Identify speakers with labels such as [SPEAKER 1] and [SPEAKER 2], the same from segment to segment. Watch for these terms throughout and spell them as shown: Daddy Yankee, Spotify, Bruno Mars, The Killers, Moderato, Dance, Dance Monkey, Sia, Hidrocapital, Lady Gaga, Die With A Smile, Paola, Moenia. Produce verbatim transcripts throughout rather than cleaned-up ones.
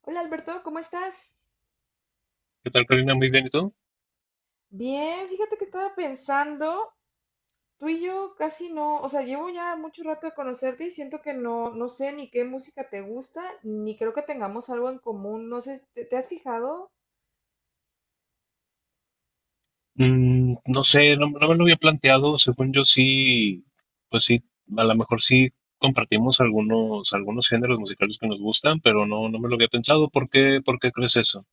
[SPEAKER 1] Hola Alberto, ¿cómo estás?
[SPEAKER 2] ¿Qué tal, Karina? Muy bien, ¿y tú?
[SPEAKER 1] Bien, fíjate que estaba pensando, tú y yo casi no, o sea, llevo ya mucho rato de conocerte y siento que no, no sé ni qué música te gusta, ni creo que tengamos algo en común, no sé, ¿te, te has fijado?
[SPEAKER 2] Mm, no sé, no, no me lo había planteado. Según yo sí, pues sí, a lo mejor sí compartimos algunos, algunos géneros musicales que nos gustan, pero no, no me lo había pensado. ¿Por qué, por qué crees eso?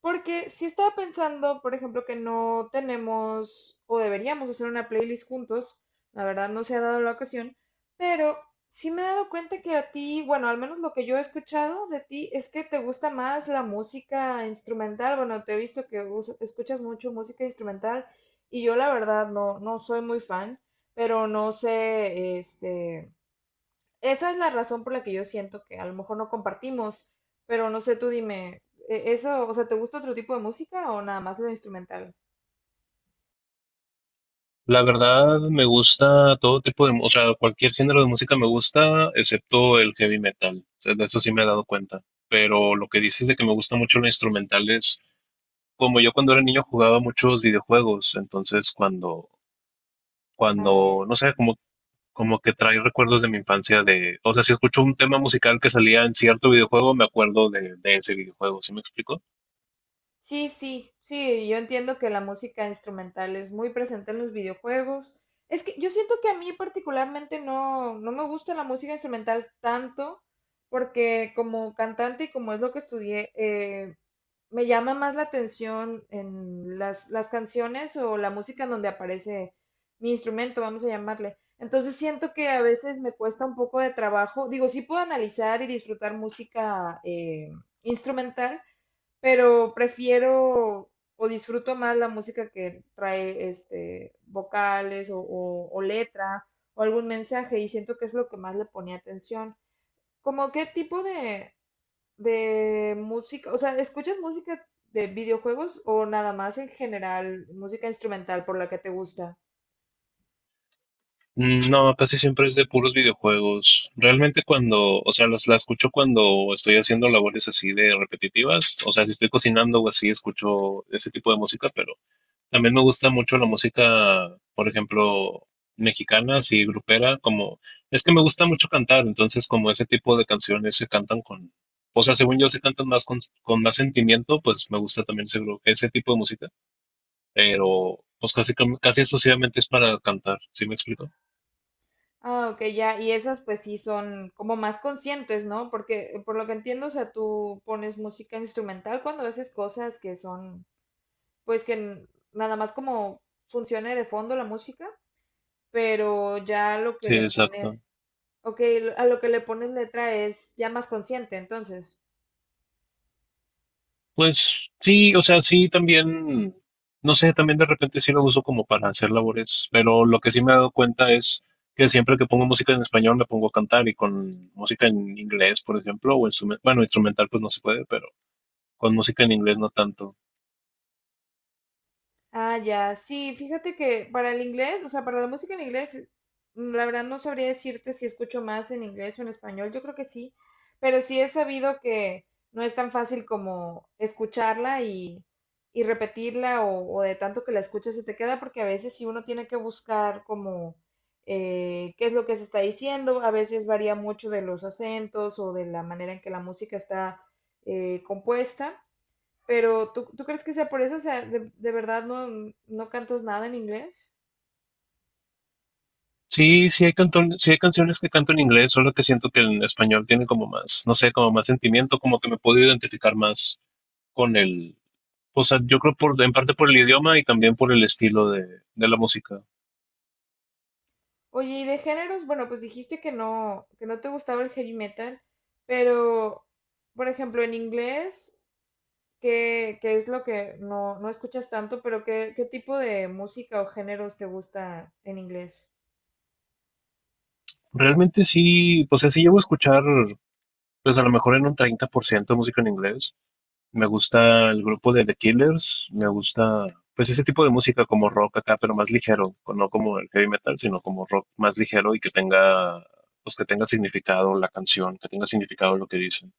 [SPEAKER 1] Porque si estaba pensando, por ejemplo, que no tenemos o deberíamos hacer una playlist juntos, la verdad no se ha dado la ocasión, pero sí me he dado cuenta que a ti, bueno, al menos lo que yo he escuchado de ti es que te gusta más la música instrumental, bueno, te he visto que us- escuchas mucho música instrumental y yo la verdad no, no soy muy fan, pero no sé, este... Esa es la razón por la que yo siento que a lo mejor no compartimos, pero no sé, tú dime, e- ¿eso, o sea, te gusta otro tipo de música o nada más lo instrumental?
[SPEAKER 2] La verdad, me gusta todo tipo de, mu- o sea, cualquier género de música me gusta, excepto el heavy metal. O sea, de eso sí me he dado cuenta. Pero lo que dices de que me gusta mucho lo instrumental es como yo cuando era niño jugaba muchos videojuegos, entonces cuando
[SPEAKER 1] Ah, ya.
[SPEAKER 2] cuando, no sé, como como que trae recuerdos de mi infancia de, o sea, si escucho un tema musical que salía en cierto videojuego, me acuerdo de, de ese videojuego. ¿Sí me explico?
[SPEAKER 1] Sí, sí, sí, yo entiendo que la música instrumental es muy presente en los videojuegos. Es que yo siento que a mí particularmente no, no me gusta la música instrumental tanto, porque como cantante y como es lo que estudié, eh, me llama más la atención en las, las canciones o la música en donde aparece mi instrumento, vamos a llamarle. Entonces siento que a veces me cuesta un poco de trabajo. Digo, sí puedo analizar y disfrutar música eh, instrumental, pero prefiero o disfruto más la música que trae este vocales o, o- o letra o algún mensaje y siento que es lo que más le ponía atención. ¿Cómo qué tipo de, de música, o sea, ¿escuchas música de videojuegos o nada más en general, música instrumental por la que te gusta?
[SPEAKER 2] No, casi siempre es de puros videojuegos. Realmente cuando, o sea, las, la escucho cuando estoy haciendo labores así de repetitivas. O sea, si estoy cocinando o así, escucho ese tipo de música, pero también me gusta mucho la música, por ejemplo, mexicana, así grupera, como, es que me gusta mucho cantar, entonces como ese tipo de canciones se cantan con, o sea, según yo se cantan más con, con más sentimiento, pues me gusta también ese, gru- ese tipo de música, pero pues casi, casi exclusivamente es para cantar. ¿Sí me explico?
[SPEAKER 1] Ah, ok, ya, y esas pues sí son como más conscientes, ¿no? Porque eh, por lo que entiendo, o sea, tú pones música instrumental cuando haces cosas que son, pues que n- nada más como funcione de fondo la música, pero ya lo que
[SPEAKER 2] Sí,
[SPEAKER 1] le pones,
[SPEAKER 2] exacto.
[SPEAKER 1] ok, lo- a lo que le pones letra es ya más consciente, entonces.
[SPEAKER 2] Pues sí, o sea, sí también, no sé, también de repente sí lo uso como para hacer labores, pero lo que sí me he dado cuenta es que siempre que pongo música en español me pongo a cantar y con música en inglés, por ejemplo, o instrumental, bueno, instrumental pues no se puede, pero con música en inglés no tanto.
[SPEAKER 1] Ah, ya, sí, fíjate que para el inglés, o sea, para la música en inglés, mm, la verdad no sabría decirte si escucho más en inglés o en español, yo creo que sí, pero sí he sabido que no es tan fácil como escucharla y, y repetirla o, o de tanto que la escuchas se te queda, porque a veces sí uno tiene que buscar como eh, qué es lo que se está diciendo, a veces varía mucho de los acentos o de la manera en que la música está eh, compuesta. Pero ¿tú, tú crees que sea por eso? O sea, de, de verdad no, no cantas nada en inglés.
[SPEAKER 2] Sí, sí hay canton- sí hay canciones que canto en inglés, solo que siento que en español tiene como más, no sé, como más sentimiento, como que me puedo identificar más con el, o sea, yo creo por, en parte por el idioma y también por el estilo de, de la música.
[SPEAKER 1] Oye, y de géneros, bueno, pues dijiste que no, que no te gustaba el heavy metal, pero, por ejemplo, en inglés, ¿qué, qué es lo que no, no escuchas tanto? Pero ¿qué, qué tipo de música o géneros te gusta en inglés?
[SPEAKER 2] Realmente sí, pues sea, sí llevo a escuchar, pues a lo mejor en un treinta por ciento música en inglés. Me gusta el grupo de The Killers, me gusta, pues ese tipo de música como rock acá, pero más ligero, co- no como el heavy metal, sino como rock más ligero y que tenga, pues que tenga significado la canción, que tenga significado lo que dicen.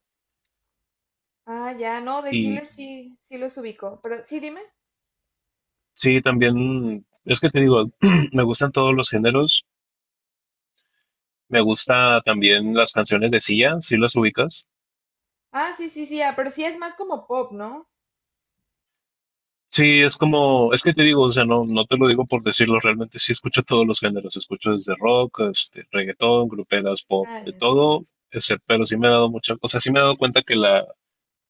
[SPEAKER 1] Ah, ya, no, The
[SPEAKER 2] Y
[SPEAKER 1] Killer sí, sí los ubico, pero sí, dime.
[SPEAKER 2] sí, también, es que te digo, me gustan todos los géneros, me gusta también las canciones de Sia, si las ubicas.
[SPEAKER 1] Ah, sí, sí, sí, ah, pero sí es más como pop, ¿no?
[SPEAKER 2] Sí, es como, es que te digo, o sea, no, no te lo digo por decirlo, realmente sí escucho todos los géneros, escucho desde rock, este, reggaetón, gruperas, pop,
[SPEAKER 1] Ah,
[SPEAKER 2] de
[SPEAKER 1] ya, sí,
[SPEAKER 2] todo, ese- pero sí me he dado mucha, o sea, sí me he dado cuenta que la,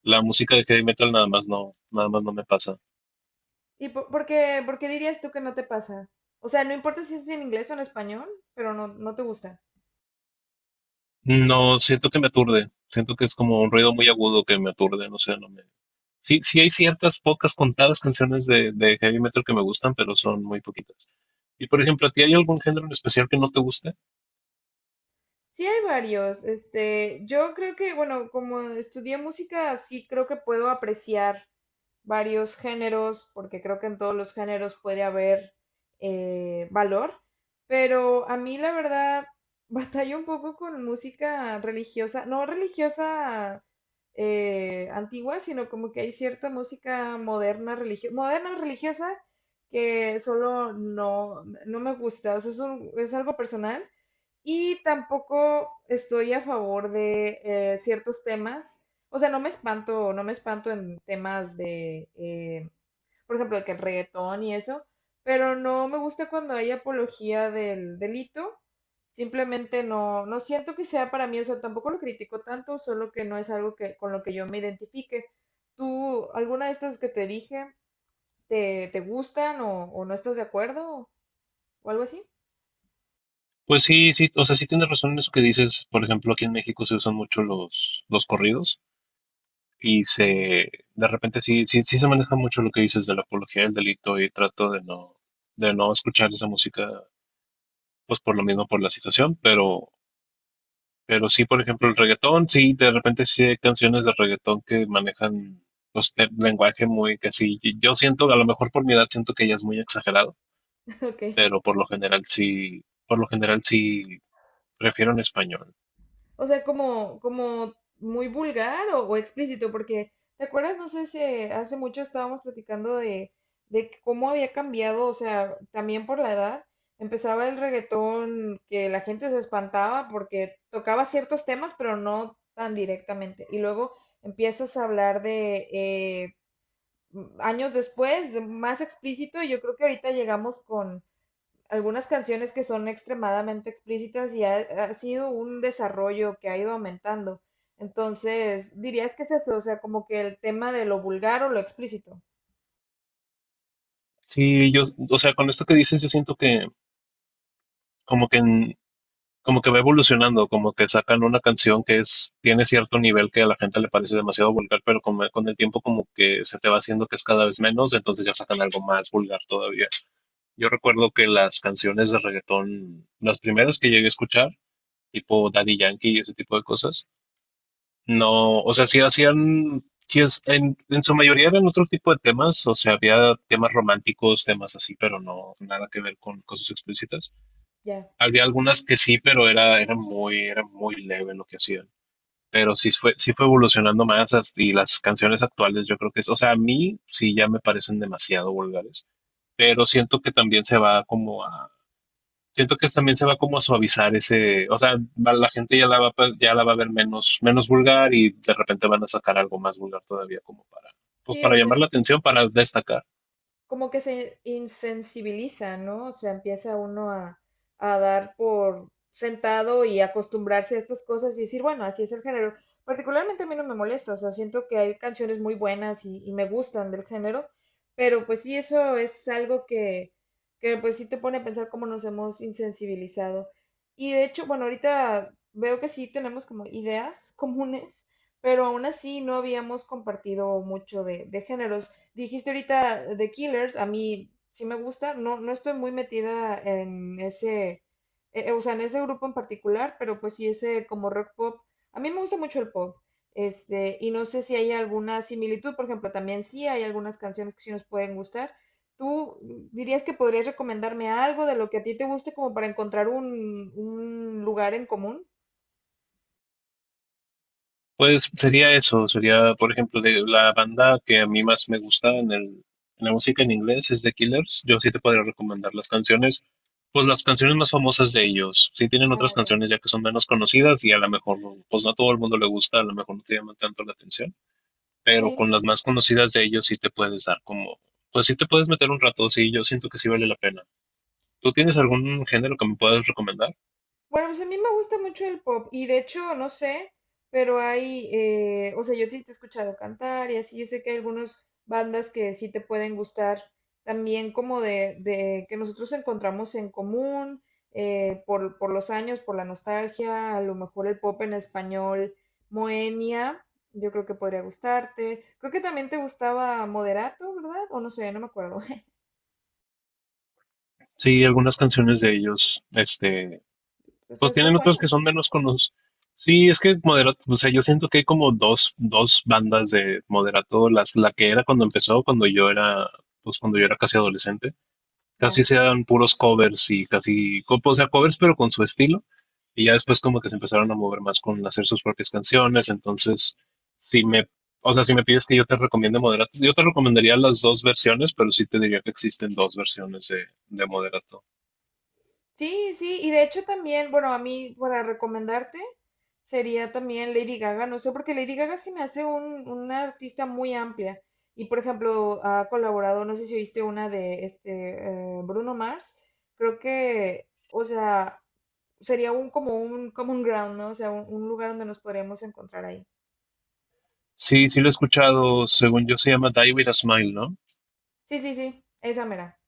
[SPEAKER 2] la música de heavy metal nada más no, nada más no me pasa.
[SPEAKER 1] ¿Y por, por qué, ¿por qué dirías tú que no te pasa? O sea, no importa si es en inglés o en español, pero no, no te gusta.
[SPEAKER 2] No, siento que me aturde, siento que es como un ruido muy agudo que me aturde, no sé, no me... Sí, sí hay ciertas pocas contadas canciones de, de heavy metal que me gustan, pero son muy poquitas. Y por ejemplo, ¿a ti hay algún género en especial que no te guste?
[SPEAKER 1] Sí, hay varios. Este, yo creo que, bueno, como estudié música, sí creo que puedo apreciar varios géneros, porque creo que en todos los géneros puede haber eh, valor. Pero a mí, la verdad, batallo un poco con música religiosa, no religiosa eh, antigua, sino como que hay cierta música moderna, religio- moderna religiosa que solo no, no me gusta. O sea, es un- es algo personal. Y tampoco estoy a favor de eh, ciertos temas. O sea, no me espanto, no me espanto en temas de, eh, por ejemplo, de que el reggaetón y eso, pero no me gusta cuando hay apología del delito. Simplemente no, no siento que sea para mí, o sea, tampoco lo critico tanto, solo que no es algo que, con lo que yo me identifique. ¿Tú, alguna de estas que te dije, te, te gustan o, o no estás de acuerdo o algo así?
[SPEAKER 2] Pues sí, sí, o sea, sí tienes razón en eso que dices. Por ejemplo, aquí en México se usan mucho los, los corridos y se, de repente sí, sí, sí se maneja mucho lo que dices de la apología del delito y trato de no, de no escuchar esa música, pues por lo mismo, por la situación, pero, pero sí, por ejemplo, el reggaetón, sí, de repente sí hay canciones de reggaetón que manejan, pues, de- lenguaje muy que sí, y yo siento, a lo mejor por mi edad siento que ya es muy exagerado,
[SPEAKER 1] Ok.
[SPEAKER 2] pero por lo general sí, por lo general sí prefiero en español.
[SPEAKER 1] O sea, como, como muy vulgar o, o explícito, porque, ¿te acuerdas? No sé si hace mucho estábamos platicando de, de que cómo había cambiado, o sea, también por la edad. Empezaba el reggaetón que la gente se espantaba porque tocaba ciertos temas, pero no tan directamente. Y luego empiezas a hablar de eh, años después, de más explícito, y yo creo que ahorita llegamos algunas canciones que son extremadamente explícitas y ha, ha sido un desarrollo que ha ido aumentando. Entonces, dirías que es eso, o sea, como que el tema de lo vulgar o lo explícito.
[SPEAKER 2] Sí, yo, o sea, con esto que dices, yo siento que como que en- como que va evolucionando, como que sacan una canción que es, tiene cierto nivel que a la gente le parece demasiado vulgar, pero con, con el tiempo como que se te va haciendo que es cada vez menos, entonces ya sacan algo más vulgar todavía. Yo recuerdo que las canciones de reggaetón, las primeras que llegué a escuchar, tipo Daddy Yankee y ese tipo de cosas. No, o
[SPEAKER 1] Sí,
[SPEAKER 2] sea, sí
[SPEAKER 1] sí.
[SPEAKER 2] hacían, sí es, en, en su mayoría eran otro tipo de temas, o sea, había temas románticos, temas así, pero no, nada que ver con cosas explícitas.
[SPEAKER 1] Ya.
[SPEAKER 2] Había algunas que sí, pero era, era muy, era muy leve lo que hacían. Pero sí fue, sí fue evolucionando más as- y las canciones actuales yo creo que es, o sea, a mí sí ya me parecen demasiado vulgares, pero siento que también se va como a, siento que también se va como a suavizar ese, o sea, va- la gente ya la va, pa- ya la va a ver menos, menos vulgar y de repente van a sacar algo más vulgar todavía como para, pues
[SPEAKER 1] Sí, o
[SPEAKER 2] para llamar
[SPEAKER 1] sea,
[SPEAKER 2] la atención, para destacar.
[SPEAKER 1] como que se insensibiliza, ¿no? O sea, empieza uno a, a dar por sentado y acostumbrarse a estas cosas y decir, bueno, así es el género. Particularmente a mí no me molesta, o sea, siento que hay canciones muy buenas y, y me gustan del género, pero pues sí, eso es algo que, que pues sí te pone a pensar cómo nos hemos insensibilizado. Y de hecho, bueno, ahorita veo que sí tenemos como ideas comunes, pero aún así no habíamos compartido mucho de, de géneros. Dijiste ahorita The Killers, a mí sí me gusta, no, no estoy muy metida en ese, eh, eh, o sea, en ese grupo en particular, pero pues sí ese como rock pop. A mí me gusta mucho el pop, este, y no sé si hay alguna similitud, por ejemplo, también sí hay algunas canciones que sí nos pueden gustar. ¿Tú dirías que podrías recomendarme algo de lo que a ti te guste como para encontrar un, un lugar en común?
[SPEAKER 2] Pues sería eso, sería, por ejemplo, de la banda que a mí más me gusta en el, en la música en inglés es The Killers. Yo sí te podría recomendar las canciones, pues las canciones más famosas de ellos. Sí tienen otras
[SPEAKER 1] Ah, ya.
[SPEAKER 2] canciones ya que son menos conocidas y a lo mejor, pues no a todo el mundo le gusta, a lo mejor no te llaman tanto la atención, pero
[SPEAKER 1] Sí.
[SPEAKER 2] con las más conocidas de ellos sí te puedes dar como, pues sí te puedes meter un rato, sí, yo siento que sí vale la pena. ¿Tú tienes algún género que me puedas recomendar?
[SPEAKER 1] Bueno, pues a mí me gusta mucho el pop y de hecho, no sé, pero hay, eh, o sea, yo sí te he escuchado cantar y así, yo sé que hay algunas bandas que sí te pueden gustar también como de, de que nosotros encontramos en común eh, por, por los años, por la nostalgia, a lo mejor el pop en español, Moenia, yo creo que podría gustarte. Creo que también te gustaba Moderato, ¿verdad? O no sé, no me acuerdo.
[SPEAKER 2] Sí, algunas canciones de ellos, este,
[SPEAKER 1] O sea,
[SPEAKER 2] pues
[SPEAKER 1] son
[SPEAKER 2] tienen otras que
[SPEAKER 1] buenos,
[SPEAKER 2] son menos conocidas. Sí, es que Moderato, o sea, yo siento que hay como dos, dos bandas de Moderato, las, la que era cuando empezó, cuando yo era, pues cuando yo era casi adolescente, casi
[SPEAKER 1] ya.
[SPEAKER 2] sean puros covers y casi, co- o sea, covers pero con su estilo. Y ya después como que se empezaron a mover más con hacer sus propias canciones. Entonces, si me, o sea, si me pides que yo te recomiende Moderato, yo te recomendaría las dos versiones, pero sí te diría que existen dos versiones de, de Moderato.
[SPEAKER 1] Sí, sí, y de hecho también, bueno, a mí para recomendarte sería también Lady Gaga, no sé, porque Lady Gaga sí me hace un, una artista muy amplia. Y por ejemplo, ha colaborado, no sé si viste una de este eh, Bruno Mars, creo que, o sea, sería un como un common ground, ¿no? O sea, un, un lugar donde nos podríamos encontrar ahí.
[SPEAKER 2] Sí, sí lo he escuchado, según yo se llama Die With A Smile, ¿no?
[SPEAKER 1] Sí, sí, sí, esa mera.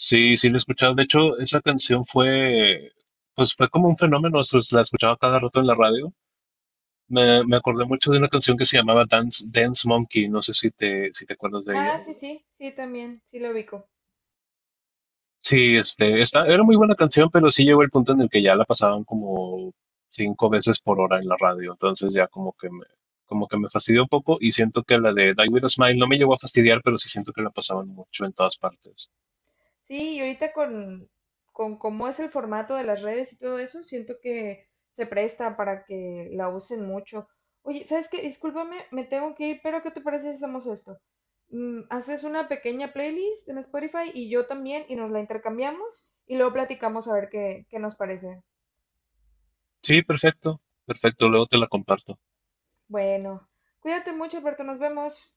[SPEAKER 2] Sí, sí lo he escuchado. De hecho, esa canción fue, pues fue como un fenómeno, o sea, la escuchaba cada rato en la radio. Me, me acordé mucho de una canción que se llamaba Dance, Dance Monkey, no sé si te, si te acuerdas de
[SPEAKER 1] Ah,
[SPEAKER 2] ella.
[SPEAKER 1] sí, sí, sí, también, sí lo ubico.
[SPEAKER 2] Sí, este, esta era muy buena canción, pero sí llegó el punto en el que ya la pasaban como cinco veces por hora en la radio, entonces ya como que me, como que me fastidió un poco y siento que la de Die With a Smile no me llegó a fastidiar, pero sí siento que la pasaban mucho en todas partes.
[SPEAKER 1] Sí, y ahorita con, con cómo es el formato de las redes y todo eso, siento que se presta para que la usen mucho. Oye, ¿sabes qué? Discúlpame, me tengo que ir, pero ¿qué te parece si hacemos esto? Mm, haces una pequeña playlist en Spotify y yo también, y nos la intercambiamos y luego platicamos a ver qué, qué nos parece.
[SPEAKER 2] Sí, perfecto, perfecto, luego te la comparto.
[SPEAKER 1] Bueno, cuídate mucho, Alberto, nos vemos.